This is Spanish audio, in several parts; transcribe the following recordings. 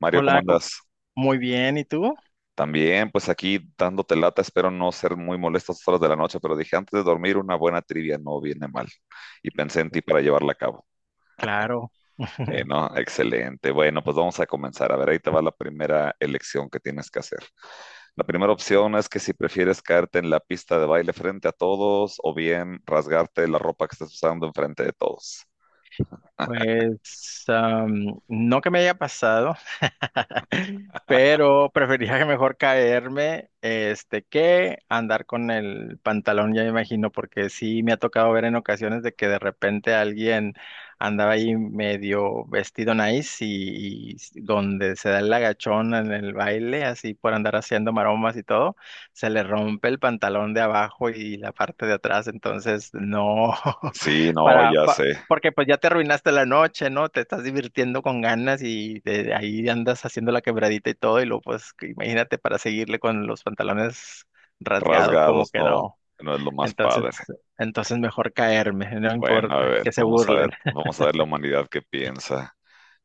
Mario, ¿cómo Hola, andas? muy bien, ¿y tú? También, pues aquí dándote lata, espero no ser muy molesto a estas horas de la noche, pero dije, antes de dormir, una buena trivia no viene mal. Y pensé en ti para llevarla a cabo. Claro. No, Excelente. Bueno, pues vamos a comenzar. A ver, ahí te va la primera elección que tienes que hacer. La primera opción es que si prefieres caerte en la pista de baile frente a todos o bien rasgarte la ropa que estás usando enfrente de todos. Pues no que me haya pasado. Pero preferiría que mejor caerme este que andar con el pantalón. Ya me imagino, porque sí me ha tocado ver en ocasiones de que de repente alguien andaba ahí medio vestido nice y donde se da el agachón en el baile, así por andar haciendo maromas y todo, se le rompe el pantalón de abajo y la parte de atrás. Entonces no. Sí, no, Para, ya pa- sé. porque pues ya te arruinaste la noche, ¿no? Te estás divirtiendo con ganas y de ahí andas haciendo la quebradita y todo, y luego pues que imagínate para seguirle con los pantalones rasgados, como Rasgados, que no, no. no es lo más Entonces, padre. entonces mejor caerme, no Bueno, a importa, ver, que se vamos a ver, burlen. vamos a ver la humanidad qué piensa.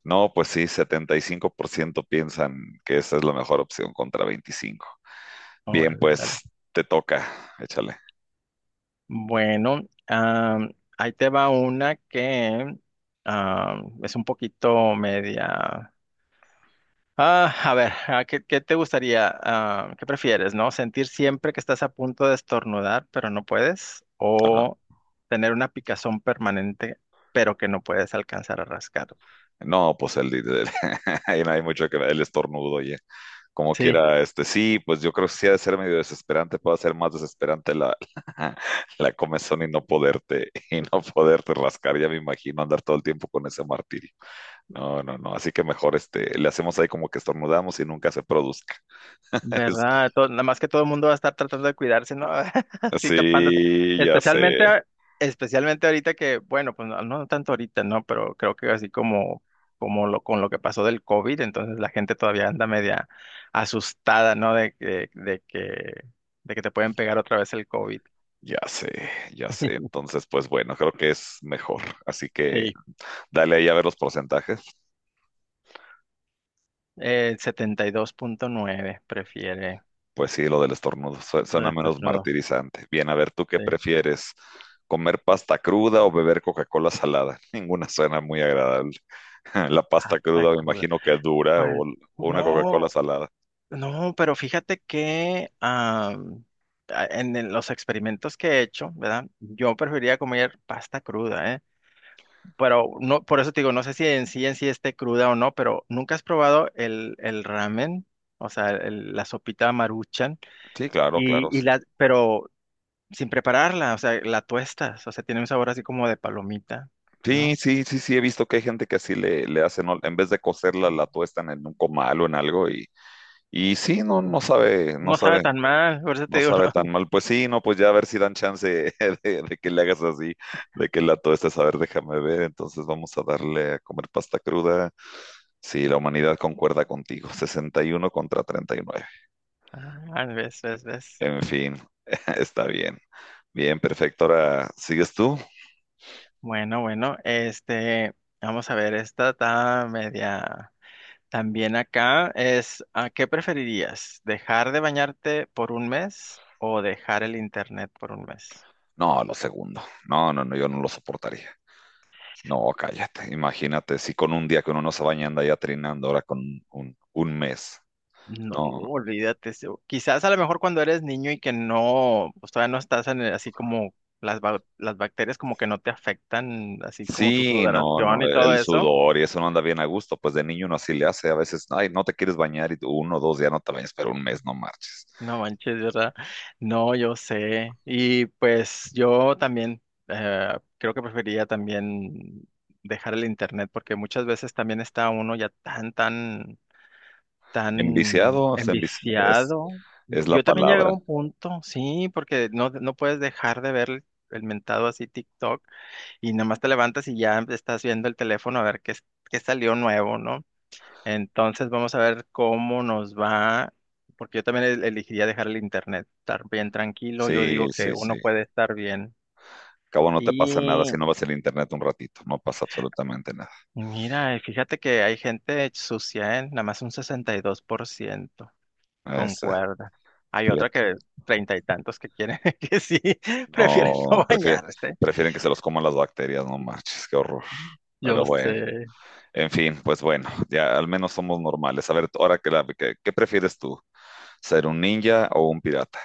No, pues sí, 75% piensan que esa es la mejor opción contra 25. Bien, Órale, órale. pues te toca, échale. Bueno, am, ahí te va una que es un poquito media. Ah, a ver, ah, ¿qué te gustaría? Ah, ¿qué prefieres, no? ¿Sentir siempre que estás a punto de estornudar, pero no puedes? Ajá. ¿O tener una picazón permanente, pero que no puedes alcanzar a rascar? No, pues ahí no hay mucho que ver, el estornudo, oye. Como Sí. quiera, sí, pues yo creo que sí ha de ser medio desesperante, puede ser más desesperante la, la comezón y no poderte rascar, ya me imagino andar todo el tiempo con ese martirio. No, no, no. Así que mejor le hacemos ahí como que estornudamos y nunca se produzca. Es- ¿Verdad? Nada más que todo el mundo va a estar tratando de cuidarse, ¿no? Así tapándose. sí, ya sé, Especialmente, a- especialmente ahorita que, bueno, pues no, no tanto ahorita, ¿no? Pero creo que así como, como lo, con lo que pasó del COVID, entonces la gente todavía anda media asustada, ¿no? De que te pueden pegar otra vez el COVID. ya sé, ya sé. Entonces, pues bueno, creo que es mejor. Así que Sí. dale ahí a ver los porcentajes. El 72.9 prefiere Pues sí, lo del estornudo lo de suena menos estornudo. martirizante. Bien, a ver, ¿tú qué Sí. prefieres? ¿Comer pasta cruda o beber Coca-Cola salada? Ninguna suena muy agradable. La pasta Hasta cruda me cruda. imagino que es dura o Pues, o una Coca-Cola no. salada. No, pero fíjate que en los experimentos que he hecho, ¿verdad? Yo preferiría comer pasta cruda, ¿eh? Pero no, por eso te digo, no sé si en sí esté cruda o no, pero ¿nunca has probado el ramen? O sea, la sopita Maruchan Sí, claro, claro. Y la, pero sin prepararla. O sea, la tuestas, o sea, tiene un sabor así como de palomita, Sí, ¿no? sí, sí, sí, he visto que hay gente que así le hacen, ¿no? En vez de cocerla, la tuestan en un comal o en algo y sí, no, no sabe, no No sabe sabe, tan mal, por eso te no digo. sabe tan No. mal. Pues sí, no, pues ya a ver si dan chance de que le hagas así, de que la tuestes, a ver, déjame ver, entonces vamos a darle a comer pasta cruda. Sí, la humanidad concuerda contigo, 61-39. Ah, ves, ves, ves. En fin, está bien, bien, perfecto. Ahora, ¿sigues tú? Bueno, bueno, este, vamos a ver, esta está media. También acá es, ¿a qué preferirías? ¿Dejar de bañarte por un mes o dejar el internet por un mes? No, lo segundo. No, no, no, yo no lo soportaría. No, cállate, imagínate, si con un día que uno no se baña anda ya trinando, ahora con un mes, No, no. olvídate. Quizás a lo mejor cuando eres niño y que no, pues todavía no estás así como las bacterias como que no te afectan, así como tu Sí, no, sudoración no, y todo el eso. sudor y eso no anda bien a gusto, pues de niño uno así le hace, a veces, ay, no te quieres bañar y tú 1 o 2 días no te bañas, pero un mes no marches. No manches, ¿verdad? No, yo sé. Y pues yo también creo que preferiría también dejar el internet porque muchas veces también está uno ya tan, tan, Enviciado, tan o sea, es, enviciado. es la Yo también llegué a palabra. un punto, sí, porque no, no puedes dejar de ver el mentado así TikTok y nada más te levantas y ya estás viendo el teléfono a ver qué salió nuevo, ¿no? Entonces vamos a ver cómo nos va, porque yo también elegiría dejar el internet, estar bien tranquilo, yo Sí, digo sí, que sí. uno puede estar bien. Cabo no te pasa nada si Y no vas al internet un ratito, no pasa absolutamente nada. mira, y fíjate que hay gente sucia, ¿eh? Nada más un 62% Es, eh, concuerda. Hay otra fíjate, que treinta y tantos que quieren que sí, prefieren no, no bañarse. prefieren que se los coman las bacterias, no marches, qué horror. Pero Yo bueno. sé. En fin, pues bueno, ya al menos somos normales. A ver, ahora ¿qué prefieres tú? ¿Ser un ninja o un pirata?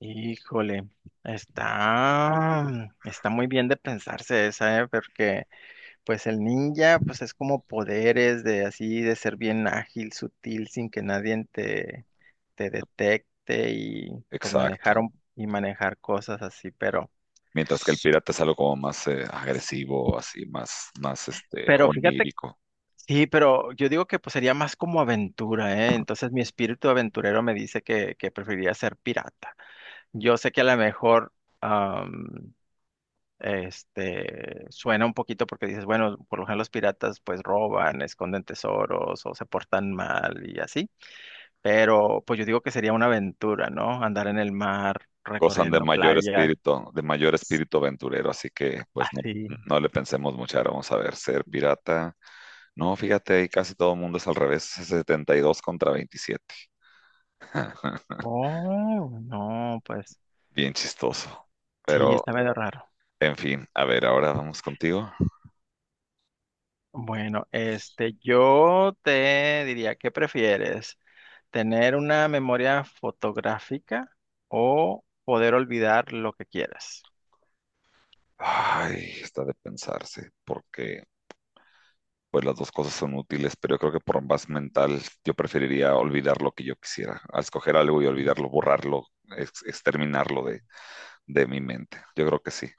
Híjole, está muy bien de pensarse esa, ¿eh? Porque pues el ninja, pues es como poderes de así, de ser bien ágil, sutil, sin que nadie te detecte y pues manejar Exacto. un- y manejar cosas así, pero, Mientras que el pirata es algo como más agresivo, así, más pero fíjate, onírico. sí, pero yo digo que pues sería más como aventura, ¿eh? Entonces mi espíritu aventurero me dice que preferiría ser pirata. Yo sé que a lo mejor, am, este, suena un poquito porque dices, bueno, por lo general los piratas pues roban, esconden tesoros o se portan mal y así. Pero pues yo digo que sería una aventura, ¿no? Andar en el mar, Gozan de recorriendo mayor playas, espíritu, de mayor espíritu aventurero, así que pues no, así. no le pensemos mucho. Ahora vamos a ver, ser pirata. No, fíjate, ahí casi todo el mundo es al revés, es 72-27. Oh, no, pues Bien chistoso. sí, Pero, está medio raro. en fin, a ver, ahora vamos contigo. Bueno, este, yo te diría, ¿qué prefieres? ¿Tener una memoria fotográfica o poder olvidar lo que quieras? Ay, está de pensarse, porque pues las dos cosas son útiles, pero yo creo que por más mental yo preferiría olvidar lo que yo quisiera, a escoger algo y olvidarlo, borrarlo, exterminarlo de mi mente. Yo creo que sí,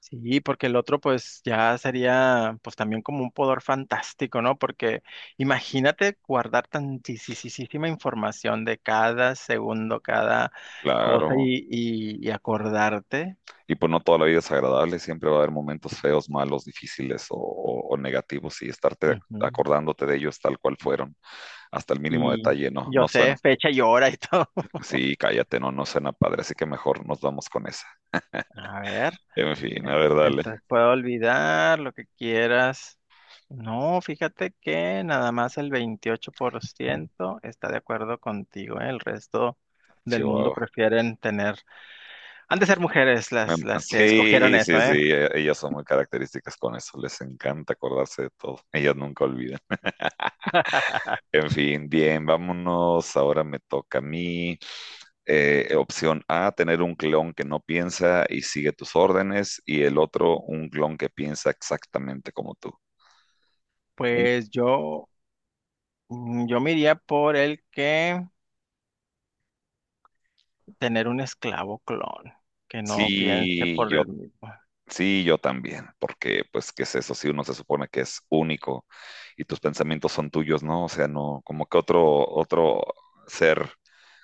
Sí, porque el otro pues ya sería pues también como un poder fantástico, ¿no? Porque imagínate guardar tantísima información de cada segundo, cada cosa claro. y acordarte. Y pues no toda la vida es agradable, siempre va a haber momentos feos, malos, difíciles o negativos y estarte Ujú. acordándote de ellos tal cual fueron, hasta el mínimo Y detalle, no, yo no suena. sé fecha y hora y todo. Sí, cállate, no, no suena padre, así que mejor nos vamos con esa. A ver, En fin, a eh, ver, dale. entonces puedo olvidar lo que quieras. No, fíjate que nada más el 28% está de acuerdo contigo, ¿eh? El resto del mundo Chihuahua. prefieren tener. Han de ser mujeres Me- las, las que escogieron Sí, eso, sí, sí, ¿eh? Ellas son muy características con eso, les encanta acordarse de todo, ellas nunca olvidan. En fin, bien, vámonos, ahora me toca a mí. Opción A, tener un clon que no piensa y sigue tus órdenes, y el otro, un clon que piensa exactamente como tú. Un- Pues yo, mm, yo me iría por el que tener un esclavo clon, que no piense Sí, por yo, él mismo. sí, yo también, porque pues, ¿qué es eso? Si uno se supone que es único y tus pensamientos son tuyos, ¿no? O sea, no, como que otro ser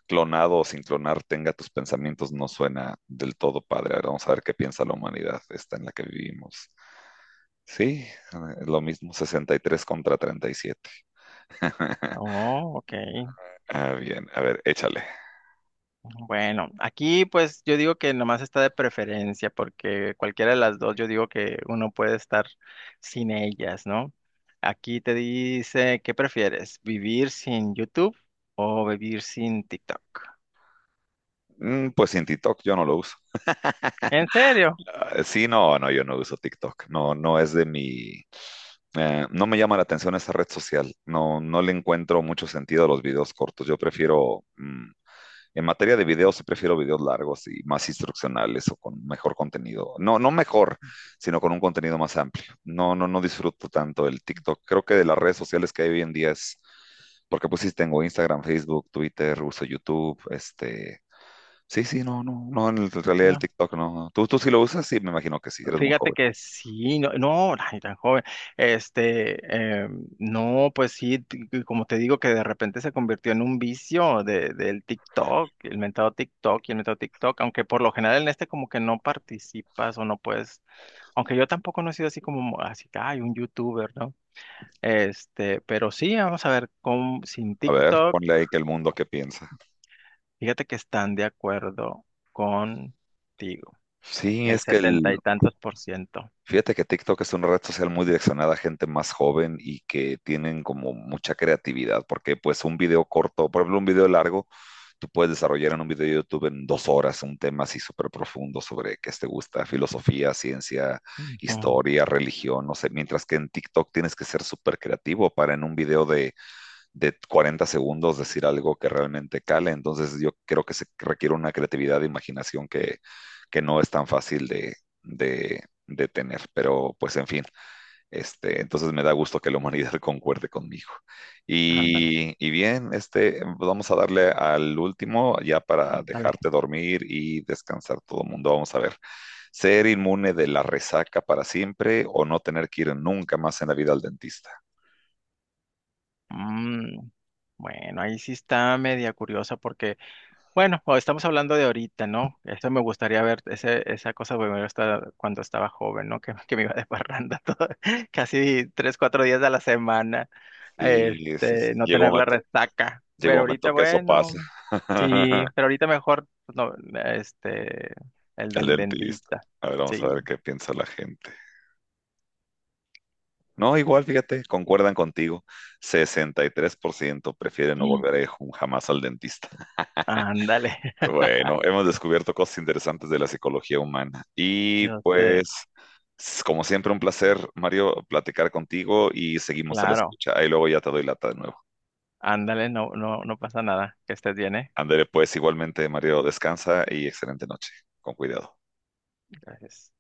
clonado o sin clonar tenga tus pensamientos no suena del todo padre. Ahora vamos a ver qué piensa la humanidad, esta en la que vivimos. Sí, lo mismo 63 contra 37. Oh, ok. Bien, a ver, échale. Bueno, aquí pues yo digo que nomás está de preferencia, porque cualquiera de las dos yo digo que uno puede estar sin ellas, ¿no? Aquí te dice, ¿qué prefieres? ¿Vivir sin YouTube o vivir sin TikTok? Pues sin TikTok yo no lo uso. ¿En serio? Ah, sí, no, no, yo no uso TikTok. No, no es de mi. No me llama la atención esa red social. No, no le encuentro mucho sentido a los videos cortos. Yo prefiero, en materia de videos, sí prefiero videos largos y más instruccionales o con mejor contenido. No, no mejor, sino con un contenido más amplio. No, no, no disfruto tanto el TikTok. Creo que de las redes sociales que hay hoy en día es, porque pues sí tengo Instagram, Facebook, Twitter, uso YouTube. Sí, sí, no, no, no, en en realidad el No. TikTok no. No. ¿Tú sí lo usas? Sí, me imagino que sí, eres muy Fíjate joven. que sí, no, no, ay, tan joven. Este, no, pues sí, que como te digo, que de repente se convirtió en un vicio de, del TikTok, el mentado TikTok y el mentado TikTok, aunque por lo general en este como que no participas o no puedes, aunque yo tampoco no he sido así como, así que hay un youtuber, ¿no? Este, pero sí, vamos a ver, con, sin A ver, TikTok, ponle ahí que el mundo qué piensa. fíjate que están de acuerdo contigo, Sí, el es que setenta el. y tantos por ciento. Fíjate que TikTok es una red social muy direccionada a gente más joven y que tienen como mucha creatividad, porque pues un video corto, por ejemplo, un video largo, tú puedes desarrollar en un video de YouTube en 2 horas un tema así súper profundo sobre qué te gusta, filosofía, ciencia, Ujú. historia, religión, no sé, mientras que en TikTok tienes que ser súper creativo para en un video de 40 segundos decir algo que realmente cale. Entonces yo creo que se requiere una creatividad de imaginación que no es tan fácil de tener. Pero pues en fin, entonces me da gusto que la humanidad concuerde conmigo. Ándale, Y bien, vamos a darle al último ya para ándale. dejarte dormir y descansar todo el mundo. Vamos a ver. Ser inmune de la resaca para siempre o no tener que ir nunca más en la vida al dentista. Mm, bueno, ahí sí está media curiosa porque, bueno, o estamos hablando de ahorita, ¿no? Eso me gustaría ver, ese, esa cosa me gusta cuando estaba joven, ¿no? Que me iba de parranda todo, casi 3, 4 días a la semana, Sí, sí, sí. este, no Llega un tener la momento resaca. Llega un Pero momento ahorita, que eso pasa. bueno, sí, pero ahorita mejor, pues, no, este, el El del dentista. dentista, A ver, vamos a ver sí. qué piensa la gente. No, igual, fíjate, concuerdan contigo. 63% prefieren no volver jamás al dentista. Ándale. Bueno, hemos descubierto cosas interesantes de la psicología humana. Y Yo sé, pues, como siempre, un placer, Mario, platicar contigo y seguimos a la claro, escucha. Ahí luego ya te doy lata de nuevo. ándale, no, no, no pasa nada, que estés bien, ¿eh? Andere, pues igualmente, Mario, descansa y excelente noche. Con cuidado. Gracias.